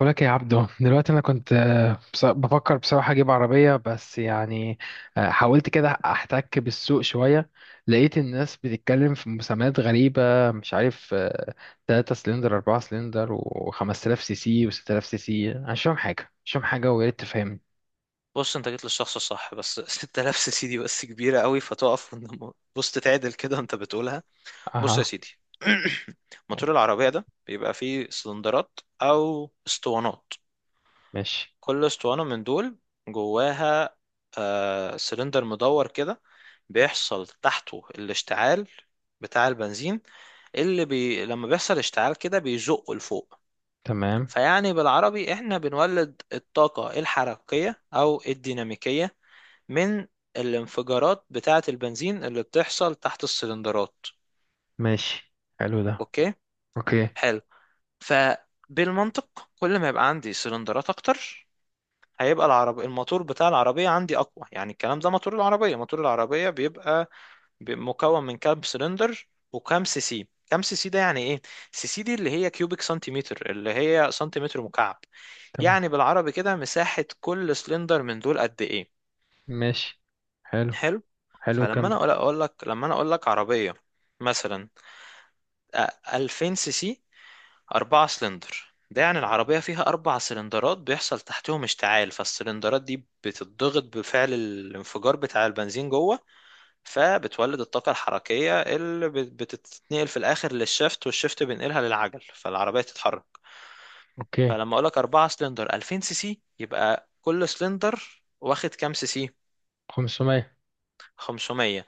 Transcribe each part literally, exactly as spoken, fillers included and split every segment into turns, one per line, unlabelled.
بقولك يا عبدو، دلوقتي انا كنت آه، بص- بفكر بصراحه اجيب عربيه، بس يعني آه، حاولت كده احتك بالسوق شويه. لقيت الناس بتتكلم في مسميات غريبه، مش عارف. ثلاثة سلندر، أربعة سلندر و5000 سي سي و6000 سي سي. أنا مش فاهم حاجه، مش فاهم حاجه، ويا ريت تفهمني.
بص انت جيت للشخص الصح، بس 6000 سي سي دي بس كبيره قوي فتقف. وإن- بص تتعدل كده انت بتقولها. بص يا
اها.
سيدي، موتور العربيه ده بيبقى فيه سلندرات او اسطوانات.
ماشي.
كل اسطوانه من دول جواها آه سلندر مدور كده، بيحصل تحته الاشتعال بتاع البنزين. اللي بي... لما بيحصل اشتعال كده بيزقه لفوق.
تمام.
فيعني بالعربي احنا بنولد الطاقة الحركية او الديناميكية من الانفجارات بتاعة البنزين اللي بتحصل تحت السلندرات.
ماشي. حلو ده.
اوكي.
اوكي.
حلو. فبالمنطق كل ما يبقى عندي سلندرات اكتر، هيبقى العرب الموتور بتاع العربية عندي أقوى. يعني الكلام ده، موتور العربية، موتور العربية بيبقى ب- مكون من كام سلندر وكام سي سي. كام سي سي ده يعني ايه؟ سي سي دي اللي هي كيوبيك سنتيمتر، اللي هي سنتيمتر مكعب.
تمام.
يعني بالعربي كده مساحة كل سلندر من دول قد ايه.
ماشي. حلو.
حلو.
حلو
فلما
الكلام
انا
ده.
اقول اقول لك لما انا اقول لك عربيه مثلا، آه، 2000 سي سي 4 سلندر، ده يعني العربيه فيها اربع سلندرات بيحصل تحتهم اشتعال، فالسلندرات دي بتضغط بفعل الانفجار بتاع البنزين جوه، فبتولد الطاقه الحركيه اللي بت- بتتنقل في الاخر للشفت، والشفت بينقلها للعجل فالعربيه تتحرك.
اوكي.
فلما اقول لك 4 سلندر ألفين سي سي، يبقى كل سلندر واخد كام سي سي؟
خمسمية.
خمسمية.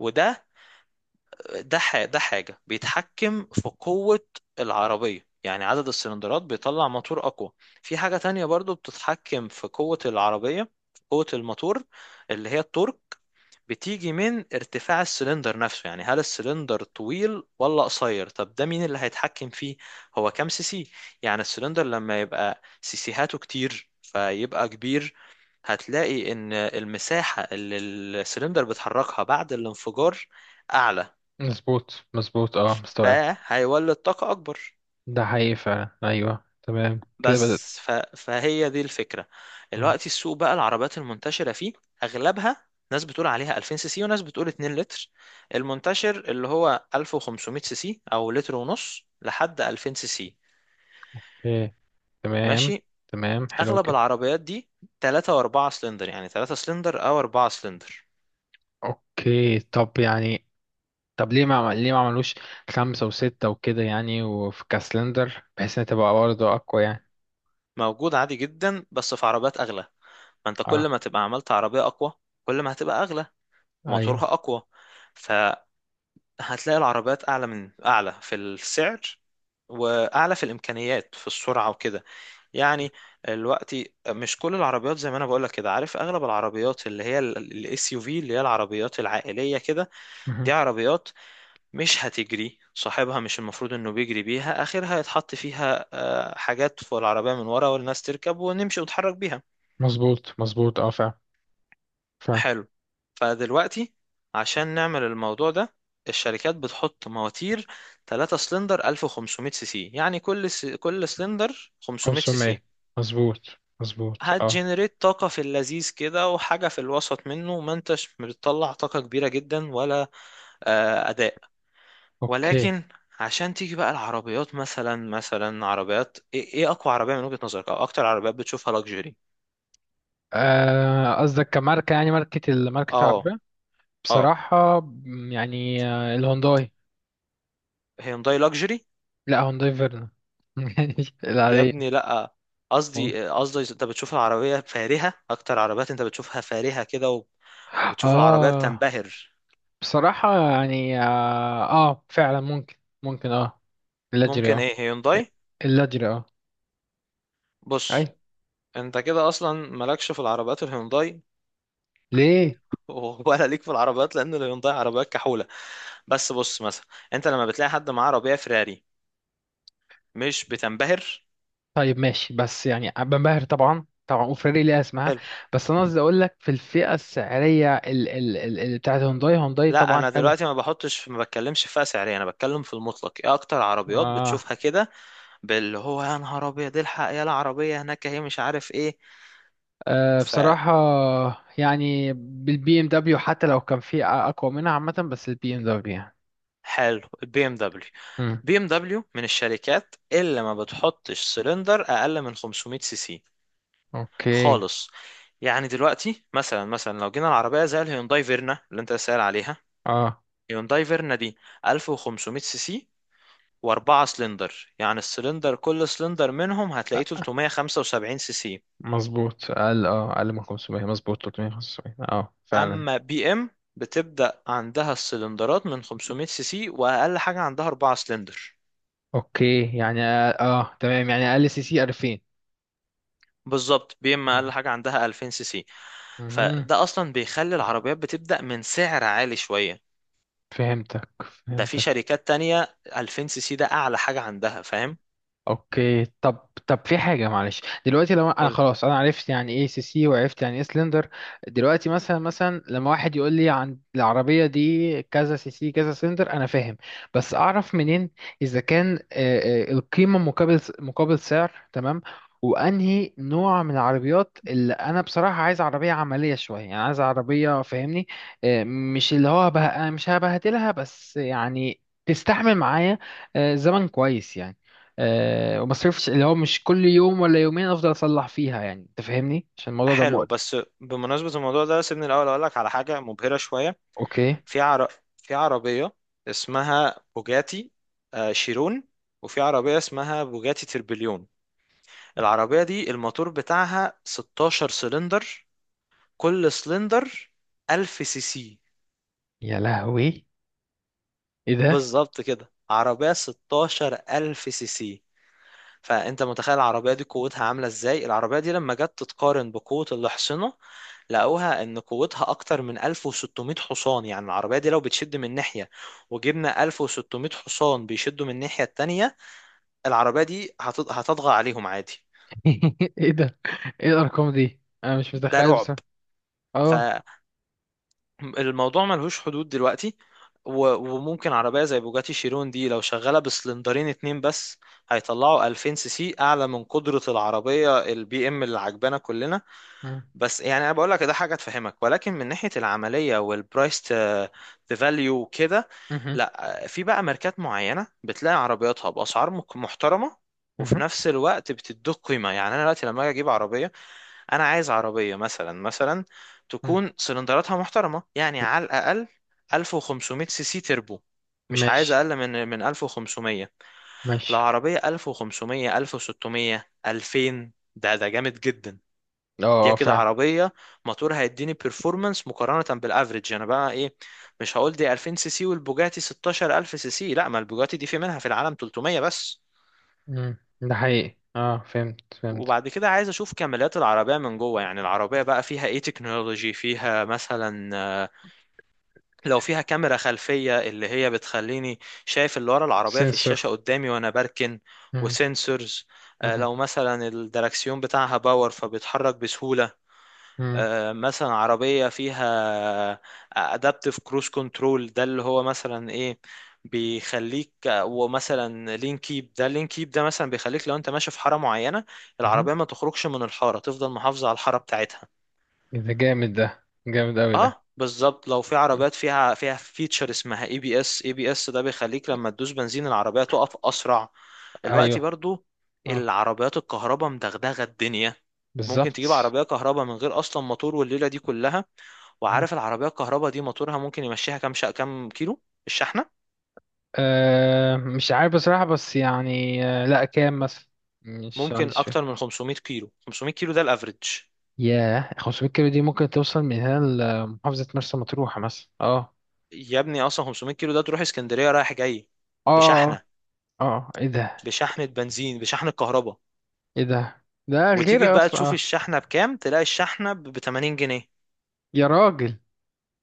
وده ده ح- ده حاجة بيتحكم في قوة العربية، يعني عدد السلندرات بيطلع موتور أقوى. في حاجة تانية برضو بتتحكم في قوة العربية، في قوة الموتور، اللي هي التورك. بتيجي من ارتفاع السلندر نفسه، يعني هل السلندر طويل ولا قصير؟ طب ده مين اللي هيتحكم فيه؟ هو كام سي سي. يعني السلندر لما يبقى سيسيهاته كتير فيبقى كبير، هتلاقي ان المساحة اللي السلندر بيتحركها بعد الانفجار اعلى،
مظبوط مظبوط، اه، مستوعب.
فهيولد طاقة أكبر.
ده حقيقي فعلا، ايوه، تمام كده بدأت.
بس ف... فهي دي الفكرة.
مم.
دلوقتي السوق بقى العربيات المنتشرة فيه أغلبها ناس بتقول عليها ألفين سي سي وناس بتقول 2 لتر. المنتشر اللي هو ألف وخمسمية سي سي أو لتر ونص لحد ألفين سي سي.
ايه. تمام.
ماشي.
تمام حلو
أغلب
كده.
العربيات دي ثلاثة و4 سلندر، يعني ثلاثة سلندر أو أربعة سلندر
اوكي، طب يعني. طب ليه ما عمل- ليه ما عملوش خمسة وستة وكده يعني، وفي كاسلندر، بحيث انها تبقى برضه اقوى يعني.
موجود عادي جدا. بس في عربيات أغلى. ما أنت كل
اه.
ما تبقى عملت عربية أقوى كل ما هتبقى أغلى وموتورها
ايوه.
أقوى. ف... هتلاقي العربيات اعلى من اعلى في السعر، واعلى في الامكانيات في السرعه وكده. يعني دلوقتي مش كل العربيات زي ما انا بقولك كده، عارف اغلب العربيات اللي هي الاس يو في اللي هي العربيات العائليه كده،
مهم.
دي عربيات مش هتجري صاحبها مش المفروض انه بيجري بيها. اخرها يتحط فيها آه، حاجات فوق العربيه من ورا والناس تركب ونمشي ونتحرك بيها.
مظبوط مظبوط، اه فعلا. فعلا.
حلو. فدلوقتي، عشان نعمل الموضوع ده، الشركات بتحط مواتير ثلاثة سلندر ألف وخمسمية سي سي، يعني كل س... كل سلندر خمسمية سي
خمسمية
سي،
مظبوط. مظبوط اه.
هتجنريت طاقة في اللذيذ كده وحاجة في الوسط منه. ما انتش بتطلع طاقة كبيرة جدا ولا آه، أداء.
اوكي،
ولكن عشان تيجي بقى العربيات، مثلا مثلا عربيات ايه إيه اقوى عربية من وجهة نظرك او اكتر عربيات بتشوفها لاكجري؟
آه، قصدك كماركة يعني؟ ماركة ال- ماركة
اه
العربية؟
اه.
بصراحة، مم، يعني آه، الهونداي.
هيونداي لاكجري؟
لا، هونداي فيرنا
يا
العادية.
ابني لا.
والله.
قصدي، قصدي انت بتشوف العربية فارهة، اكتر عربيات انت بتشوفها فارهة كده وب- وبتشوف العربية
اه
بتنبهر.
بصراحة يعني اه, آه فعلا ممكن. ممكن اه. اللاجري
ممكن
اه.
ايه؟ هيونداي؟
اللاجري اه. اي.
بص انت كده اصلا مالكش في العربيات الهيونداي.
ليه؟
ولا ليك في العربيات، لان الهيونداي عربيات كحولة. بس بص مثلا، انت لما بتلاقي حد معاه عربية فراري، مش بتنبهر؟
طيب ماشي، بس يعني بنبهر طبعا طبعا، وفراري ليها اسمها.
حلو.
بس انا قصدي اقول لك في الفئة السعرية ال ال ال ال- بتاعت هونداي. هونداي
لا
طبعا
انا
حلو.
دلوقتي ما بحطش، ما بتكلمش في فئة سعرية، انا بتكلم في المطلق. ايه اكتر عربيات
آه.
بتشوفها كده باللي هو يا نهار ابيض إيه الحق يا العربية هناك هي مش عارف ايه.
آه، بصراحة يعني بالبي ام دبليو، حتى لو كان في اقوى منها عامة، بس البي ام دبليو يعني.
فحلو البي ام دبليو.
مم.
بي ام دبليو من الشركات اللي ما بتحطش سلندر اقل من خمسمية سي سي
اوكي،
خالص. يعني دلوقتي مثلا، مثلا لو جينا العربيه زي الهيونداي فيرنا اللي انت سائل عليها،
اه
هيونداي فيرنا دي ألف وخمسمية سي سي واربعة سلندر، يعني السلندر، كل سلندر منهم هتلاقيه تلتمية وخمسة وسبعين سي سي.
مظبوط. اقل، اه اقل من خمسمية. مظبوط. ثلاثمية وخمسة وسبعين اه فعلا.
اما بي ام، بتبدأ عندها السلندرات من خمسمية سي سي، واقل حاجه عندها اربعة سلندر.
اوكي يعني اه، آه، تمام، يعني اقل سي سي ألفين.
بالظبط، بي ام
مهم.
اقل حاجه عندها ألفين سي سي.
مهم.
فده اصلا بيخلي العربيات بتبدا من سعر عالي شويه.
فهمتك
ده في
فهمتك.
شركات تانية ألفين سي سي ده اعلى حاجه عندها. فاهم؟
اوكي، طب طب في حاجه، معلش. دلوقتي لو انا
قول.
خلاص، انا عرفت يعني ايه سي سي، وعرفت يعني ايه سلندر، دلوقتي مثلا مثلا لما واحد يقول لي عن العربيه دي كذا سي سي كذا سلندر، انا فاهم. بس اعرف منين اذا كان آه، آه، القيمه مقابل مقابل سعر تمام، وانهي نوع من العربيات اللي انا بصراحه عايز. عربيه عمليه شويه يعني، عايز عربيه، فاهمني؟ آه، مش اللي هو بقى مش هبهدلها، بس يعني تستحمل معايا آه، زمن كويس يعني. أه، وما صرفش اللي هو مش كل يوم ولا يومين افضل اصلح فيها يعني، انت فاهمني؟ عشان الموضوع ده
حلو.
مقرف.
بس بمناسبه الموضوع ده، سيبني الاول اقول لك على حاجه مبهره شويه.
اوكي.
في عر... في عربيه اسمها بوجاتي آه، شيرون، وفي عربيه اسمها بوجاتي تربليون. العربيه دي الموتور بتاعها ستاشر سلندر، كل سلندر ألف سي سي.
يا لهوي، ايه ده!
بالظبط كده عربية ستاشر ألف سي سي. فأنت متخيل العربية دي قوتها عاملة إزاي؟ العربية دي لما جت تتقارن بقوة الأحصنة، لقوها إن قوتها أكتر من ألف وستمية حصان. يعني العربية دي لو بتشد من ناحية، وجبنا ألف وستمية حصان بيشدوا من الناحية التانية، العربية دي هتط- هتطغى عليهم عادي.
ايه ده، ايه الارقام دي، انا مش
ده
متخيل بس.
رعب. ف
اه.
الموضوع ملهوش حدود دلوقتي. و- وممكن عربية زي بوجاتي شيرون دي لو شغالة بسلندرين اتنين بس، هيطلعوا ألفين سي سي أعلى من قدرة العربية البي ام اللي عجبانا كلنا.
مم.
بس يعني انا بقول لك ده حاجه تفهمك. ولكن من ناحيه العمليه والبرايس فاليو وكده،
مهم.
لا آه، في بقى ماركات معينه بتلاقي عربياتها باسعار مك- محترمه، وفي
مهم.
نفس الوقت بتدوك قيمه. يعني انا دلوقتي لما اجي اجيب عربيه، انا عايز عربيه مثلا، مثلا
مم.
تكون سلندراتها محترمه، يعني على الاقل ألف وخمسمية سي سي تربو. مش عايز
ماشي
اقل من من ألف وخمسمية.
ماشي
لو عربيه ألف وخمسمية ألف وستمية ألفين، ده ده جامد جدا.
اه.
دي
آه،
كده
فعلا.
عربية موتور هيديني بيرفورمانس مقارنة بالافريج. انا بقى ايه، مش هقول دي ألفين سي سي والبوجاتي ستاشر ألف سي سي، لا، ما البوجاتي دي في منها في العالم تلتمية بس.
مم. ده حقيقي اه، فهمت فهمت.
وبعد كده عايز اشوف كماليات العربية من جوه، يعني العربية بقى فيها ايه تكنولوجي؟ فيها مثلا آه، لو فيها كاميرا خلفية اللي هي بتخليني شايف اللي ورا العربية في
سنسور.
الشاشة قدامي وانا بركن،
مم.
وسنسورز. آه،
مهم.
لو مثلا الدركسيون بتاعها باور فبيتحرك بسهولة.
مم.
آه، مثلا عربية فيها adaptive cruise control، ده اللي هو مثلا ايه، بيخليك. ومثلا لين كيب، ده لين كيب ده مثلا بيخليك لو انت ماشي في حارة معينة،
مهم.
العربية ما تخرجش من الحارة، تفضل محافظة على الحارة بتاعتها.
إيه ده جامد، ده جامد اوي ده.
اه بالظبط. لو في
مم.
عربيات فيها فيها فيتشر اسمها اي بي اس، اي بي اس ده بيخليك لما تدوس بنزين العربية تقف اسرع. دلوقتي
ايوه.
برضو،
اه،
العربيات الكهرباء مدغدغة الدنيا. ممكن تجيب
بالظبط.
عربية كهرباء من غير اصلا موتور والليلة دي كلها. وعارف العربية الكهرباء دي موتورها ممكن يمشيها كام؟ شا... كام كيلو الشحنة؟
أه مش عارف بصراحة، بس يعني أه لا، كام مثلا؟ مش
ممكن
عنديش
أكتر
فكرة.
من خمسمية كيلو. خمسمية كيلو ده الأفريج.
ياه، خمسمية كيلو دي ممكن توصل من هنا لمحافظة مرسى مطروح مثلا، اه.
يا ابني أصلا خمسمية كيلو ده تروح اسكندرية رايح جاي
اه. اه.
بشحنة.
آه. ايه ده.
بشحنة بنزين، بشحنة كهرباء.
ايه ده، ده
وتيجي
غير
بقى
اصلا،
تشوف
اه.
الشحنة بكام، تلاقي الشحنة ب تمانين جنيه.
يا راجل.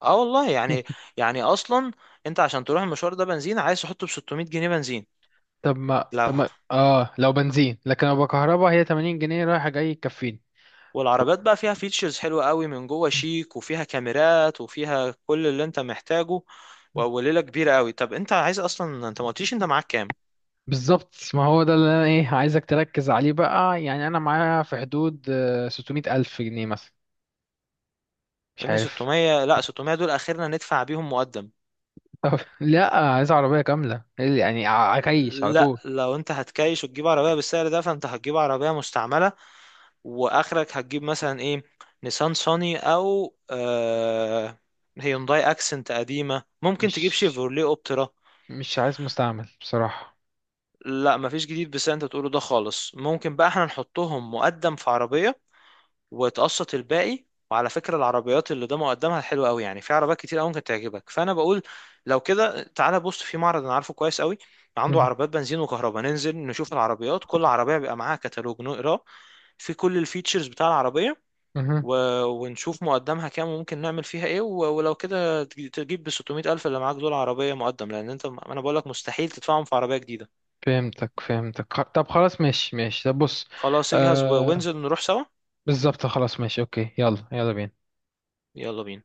اه والله. يعني يعني أصلا أنت عشان تروح المشوار ده بنزين، عايز تحطه ب ستمية جنيه بنزين.
طب ما
لو
طب ما اه لو بنزين، لكن لو بكهرباء هي ثمانين جنيه رايحة جاي يكفيني. طب.
والعربيات بقى فيها فيتشرز حلوة قوي من جوه شيك وفيها كاميرات وفيها كل اللي انت محتاجه وليله كبيره قوي. طب انت عايز اصلا؟ انت ما قلتليش انت معاك كام.
بالظبط، ما هو ده اللي انا ايه عايزك تركز عليه بقى، يعني انا معايا في حدود آه، ستمية الف جنيه مثلا،
يا
مش
ابني
عارف.
ستمية؟ لا، ستمية دول اخرنا ندفع بيهم مقدم.
طب لا، عايز عربية كاملة يعني. ع- عكيش على
لا
طول.
لو انت هتكايش وتجيب عربيه بالسعر ده، فانت هتجيب عربيه مستعمله. واخرك هتجيب مثلا ايه، نيسان صاني او آه هيونداي اكسنت قديمه، ممكن تجيب
مش
شيفروليه اوبترا.
مش عايز مستعمل بصراحة.
لا مفيش جديد بس انت تقوله ده خالص. ممكن بقى احنا نحطهم مقدم في عربيه، وتقسط الباقي. وعلى فكرة العربيات اللي ده مقدمها حلوة قوي، يعني في عربيات كتير قوي ممكن تعجبك. فأنا بقول لو كده تعالى، بص في معرض أنا عارفه كويس قوي، عنده
مهم.
عربيات بنزين وكهرباء، ننزل نشوف العربيات، كل عربية بيبقى معاها كتالوج نقراه في كل الفيتشرز بتاع العربية.
مهم.
و... ونشوف مقدمها كام وممكن نعمل فيها ايه. و... ولو كده تج- تجيب ب ستمية ألف اللي معاك دول عربية مقدم، لأن انت، أنا بقول لك مستحيل تدفعهم في عربية جديدة.
فهمتك فهمتك. خ- طب خلاص ماشي ماشي، طب بص.
خلاص اجهز و...
آه،
وانزل نروح سوا.
بالظبط، خلاص ماشي، اوكي. يلا يلا بينا
يلا بينا.